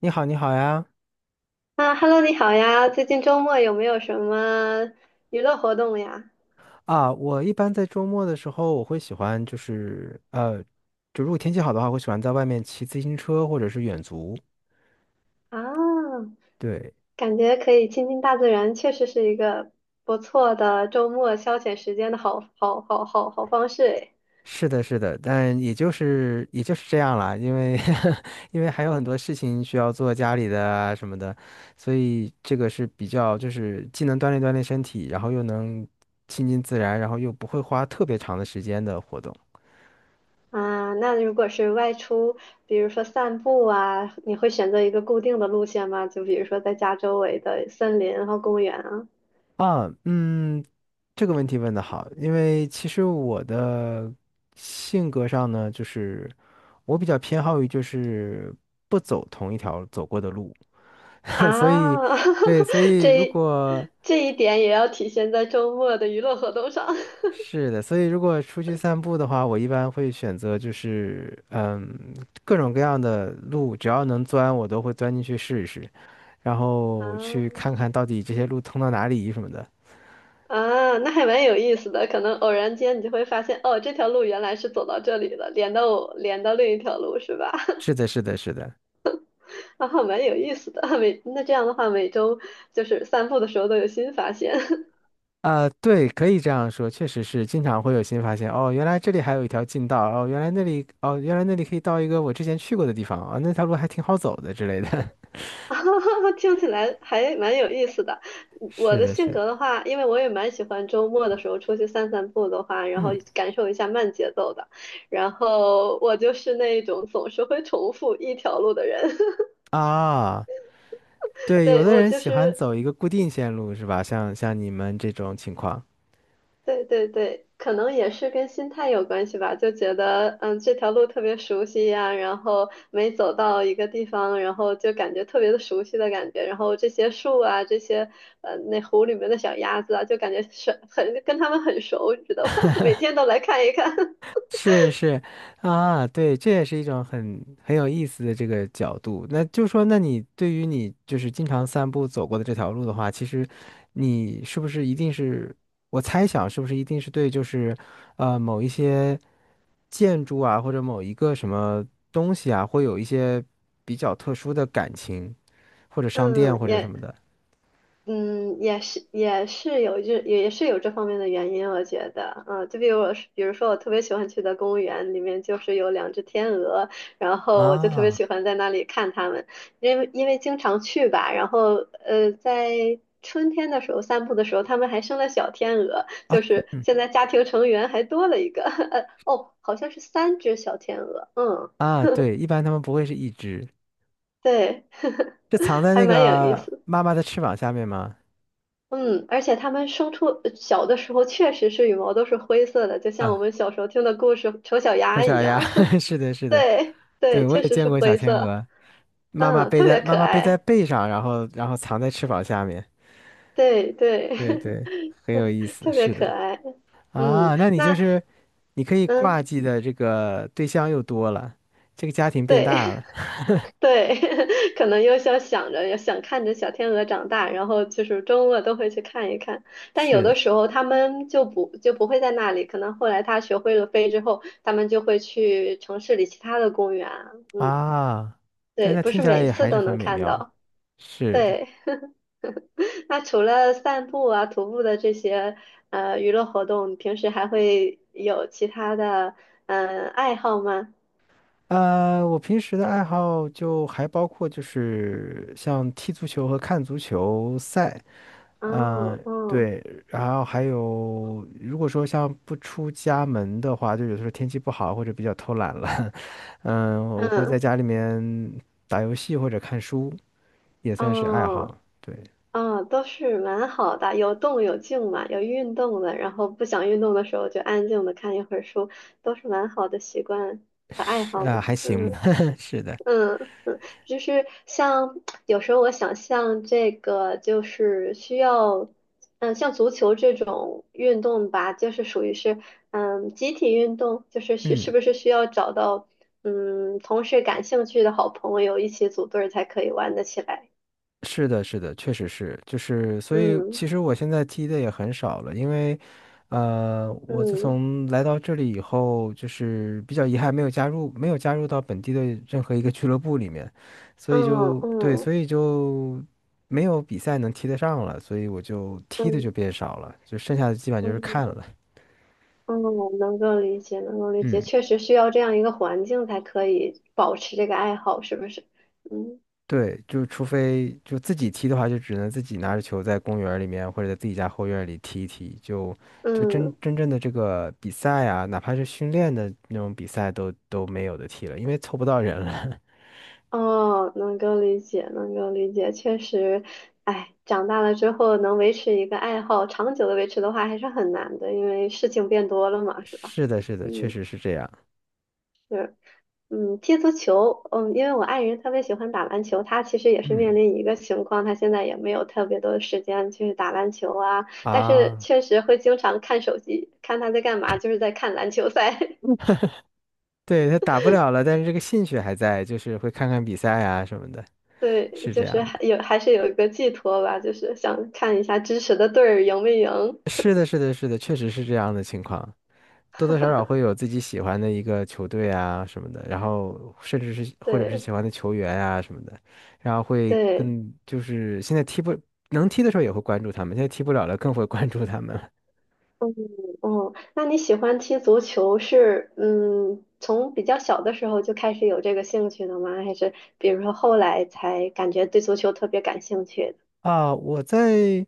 你好，你好呀！啊，Hello，你好呀！最近周末有没有什么娱乐活动呀？啊，我一般在周末的时候，我会喜欢就是就如果天气好的话，我喜欢在外面骑自行车或者是远足。啊，对，感觉可以亲近大自然，确实是一个不错的周末消遣时间的好方式诶。是的，是的，但也就是这样啦，因为 因为还有很多事情需要做，家里的啊什么的，所以这个是比较就是既能锻炼锻炼身体，然后又能亲近自然，然后又不会花特别长的时间的活动。啊，那如果是外出，比如说散步啊，你会选择一个固定的路线吗？就比如说在家周围的森林和公园啊？啊，嗯，这个问题问的好，因为其实我的性格上呢，就是我比较偏好于就是不走同一条走过的路，所以啊，对，所以这如一果这一点也要体现在周末的娱乐活动上 是的，所以如果出去散步的话，我一般会选择就是嗯各种各样的路，只要能钻我都会钻进去试一试，然后去啊。看看到底这些路通到哪里什么的。啊，那还蛮有意思的。可能偶然间你就会发现，哦，这条路原来是走到这里了，连到另一条路，是吧？是的，是的，是的。然后蛮有意思的。这样的话，每周就是散步的时候都有新发现，啊，对，可以这样说，确实是经常会有新发现。哦，原来这里还有一条近道，哦，原来那里可以到一个我之前去过的地方，啊、那条路还挺好走的之类的。啊，听起来还蛮有意思的。我是的的，性是的，格的话，因为我也蛮喜欢周末的时候出去散散步的话，然后嗯感受一下慢节奏的。然后我就是那种总是会重复一条路的人。啊，对，有对，的我人就喜欢是走一个固定线路是吧？像你们这种情况。对对对，可能也是跟心态有关系吧，就觉得这条路特别熟悉呀，然后每走到一个地方，然后就感觉特别的熟悉的感觉，然后这些树啊，那湖里面的小鸭子啊，就感觉是很跟它们很熟，你知道吧？每天都来看一看，是是啊，对，这也是一种很有意思的这个角度。那就说，那你对于你就是经常散步走过的这条路的话，其实你是不是一定是，我猜想是不是一定是对，就是呃某一些建筑啊，或者某一个什么东西啊，会有一些比较特殊的感情，或者 商店嗯，或者什也么的也是有这方面的原因，我觉得，就比如我是，比如说我特别喜欢去的公园里面就是有两只天鹅，然后我就特别啊喜欢在那里看它们，因为经常去吧，然后在春天的时候散步的时候，它们还生了小天鹅，啊就是现在家庭成员还多了一个，哦，好像是三只小天鹅，嗯，啊，对，一般他们不会是一只，对，是藏 在还那蛮有意个思的。妈妈的翅膀下面吗？嗯，而且它们生出小的时候确实是羽毛都是灰色的，就像啊。我们小时候听的故事丑小丑鸭一小鸭，样。是的，是 的，对对，对，我确也实见是过小灰天色，鹅，妈妈嗯，背特在别妈可妈背在爱，背上，然后藏在翅膀下面，对对，对对，很有意 思，特别是的，可爱。嗯，啊，那你就是你可以嗯，挂记的这个对象又多了，这个家庭变大对，了，对，可能又想着，也想看着小天鹅长大，然后就是周末都会去看一看。但有是的的，时候他们就不会在那里，可能后来他学会了飞之后，他们就会去城市里其他的公园啊嗯，啊，对，对，那不听是起来每也次还是都很能美看妙的，到。是的，对，那除了散步啊、徒步的这些娱乐活动，你平时还会有其他的爱好吗？我平时的爱好就还包括就是像踢足球和看足球赛。嗯，哦，哦，对，然后还有，如果说像不出家门的话，就有的时候天气不好或者比较偷懒了，嗯，我会在嗯，家里面打游戏或者看书，也算是爱哦。好。对，嗯，都是蛮好的，有动有静嘛，有运动的，然后不想运动的时候就安静的看一会儿书，都是蛮好的习惯和爱是好呢。啊，还行吧，嗯 是的，嗯嗯，就是像有时候我想像这个，就是需要，嗯，像足球这种运动吧，就是属于是，嗯，集体运动，就是是嗯不是需要找到，嗯，同事感兴趣的好朋友一起组队儿才可以玩得起来。是的，是的，确实是，就是，所以嗯其实我现在踢的也很少了，因为，我自嗯。从来到这里以后，就是比较遗憾没有加入到本地的任何一个俱乐部里面，所以嗯就对，所嗯以就没有比赛能踢得上了，所以我就踢的就嗯变少了，就剩下的基本就是看嗯了，嗯，能够理解，能够理解，嗯。确实需要这样一个环境才可以保持这个爱好，是不是？嗯对，就除非就自己踢的话，就只能自己拿着球在公园儿里面或者在自己家后院儿里踢一踢。就就真嗯，真正的这个比赛啊，哪怕是训练的那种比赛都没有的踢了，因为凑不到人了。哦，能够理解，能够理解，确实，哎，长大了之后能维持一个爱好，长久的维持的话还是很难的，因为事情变多了 嘛，是吧？是的，是的，确嗯，实是这样。是，嗯，踢足球，嗯，因为我爱人特别喜欢打篮球，他其实也是嗯面临一个情况，他现在也没有特别多的时间去打篮球啊，但是啊，确实会经常看手机，看他在干嘛，就是在看篮球赛，对，他打不了了，但是这个兴趣还在，就是会看看比赛啊什么的，对，是这就样是还的。有还是有一个寄托吧，就是想看一下支持的队儿赢没赢，是的，是的，是的，确实是这样的情况。多多少少会有自己喜欢的一个球队啊什么的，然后甚至是或者是对喜欢的球员啊什么的，然后会对，更就是现在踢不能踢的时候也会关注他们，现在踢不了了更会关注他们了 嗯嗯，那你喜欢踢足球从比较小的时候就开始有这个兴趣的吗？还是比如说后来才感觉对足球特别感兴趣的？啊。我在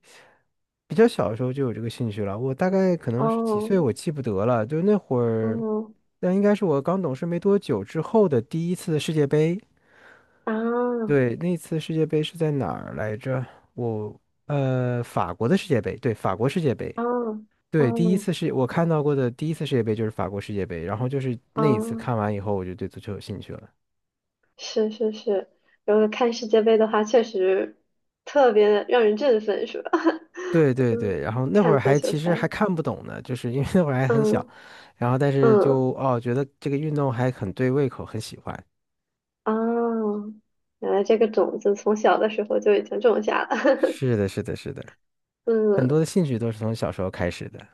比较小的时候就有这个兴趣了，我大概可能是几哦，岁我记不得了，就那会儿，嗯那应该是我刚懂事没多久之后的第一次世界杯。啊对，那次世界杯是在哪儿来着？我呃，法国的世界杯，对，法国世界杯。啊啊对，第一次是我看到过的第一次世界杯就是法国世界杯，然后就是啊，那一次看完以后，我就对足球有兴趣了。是是是，如果看世界杯的话，确实特别让人振奋，是吧？对 对对，嗯，然后那会看儿足还球其实赛，还看不懂呢，就是因为那会儿还很小，嗯然后但是嗯就哦觉得这个运动还很对胃口，很喜欢。啊，原来这个种子从小的时候就已经种下了。是的，是的，是的，很嗯，多的兴趣都是从小时候开始的，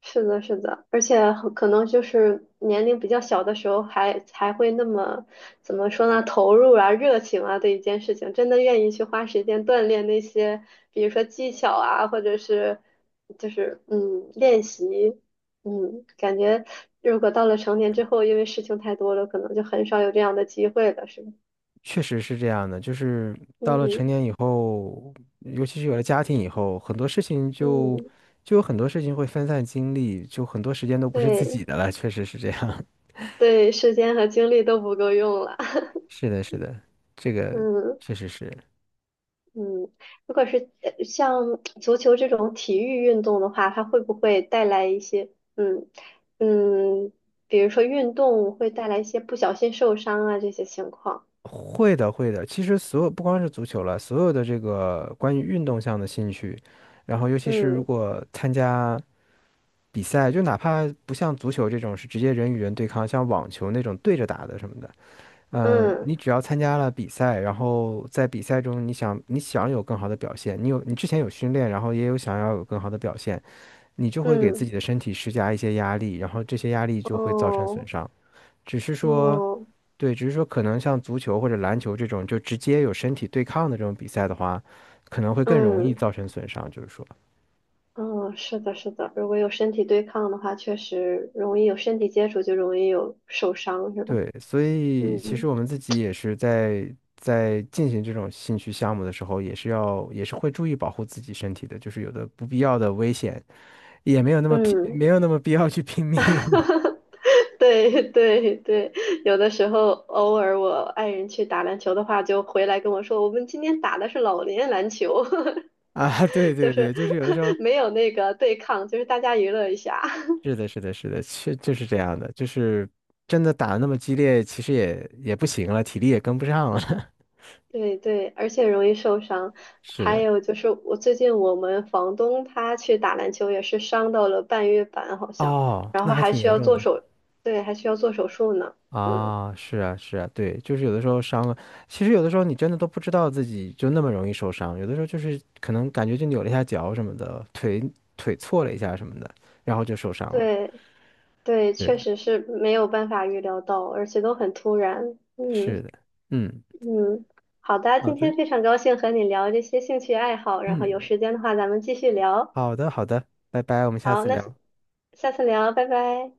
是的，是的，而且很可能就是年龄比较小的时候还才会那么怎么说呢，投入啊、热情啊对一件事情，真的愿意去花时间锻炼那些，比如说技巧啊，或者是就是练习，嗯，感觉如果到了成年之后，因为事情太多了，可能就很少有这样的机会了，是吧？确实是这样的。就是到了嗯成年以后，尤其是有了家庭以后，很多事情就嗯，就有很多事情会分散精力，就很多时间都不是自己对的了，确实是这样。对，时间和精力都不够用了，是的，是的，这 个嗯。确实是嗯，如果是像足球这种体育运动的话，它会不会带来一些嗯嗯，比如说运动会带来一些不小心受伤啊这些情况？会的，会的。其实所有不光是足球了，所有的这个关于运动项的兴趣，然后尤其是如嗯果参加比赛，就哪怕不像足球这种是直接人与人对抗，像网球那种对着打的什么的，嗯、嗯你只要参加了比赛，然后在比赛中你想有更好的表现，你之前有训练，然后也有想要有更好的表现，你就会给自己嗯，的身体施加一些压力，然后这些压力就会造成损哦伤。只是说，哦对，只是说可能像足球或者篮球这种就直接有身体对抗的这种比赛的话，可能会更容易嗯造成损伤，就是说，嗯，是的，是的，如果有身体对抗的话，确实容易有身体接触，就容易有受伤，是吧？对，所以其实嗯我们自己也是在进行这种兴趣项目的时候，也是会注意保护自己身体的，就是有的不必要的危险也没有那么拼，嗯。没有那么必要去拼 哈命 哈。对对对，有的时候偶尔我爱人去打篮球的话，就回来跟我说，我们今天打的是老年篮球，啊，对 就对是 对，就是有的时候 没有那个对抗，就是大家娱乐一下。是的，是的，是的，确就是这样的，就是真的打得那么激烈，其实也不行了，体力也跟不上了，对对，而且容易受伤。是还的。有就是，我最近我们房东他去打篮球也是伤到了半月板，好像，哦，然那后还还挺需严要重的对，还需要做手术呢。嗯，啊！是啊，是啊，对，就是有的时候伤了，其实有的时候你真的都不知道自己就那么容易受伤，有的时候就是可能感觉就扭了一下脚什么的，腿错了一下什么的，然后就受伤了。对对，确是实是没有办法预料到，而且都很突然。是嗯。的，嗯，嗯，好的，好今的，天非常高兴和你聊这些兴趣爱好，然后有嗯，时间的话咱们继续聊。好的好的，拜拜，我们下好，次聊。下次聊，拜拜。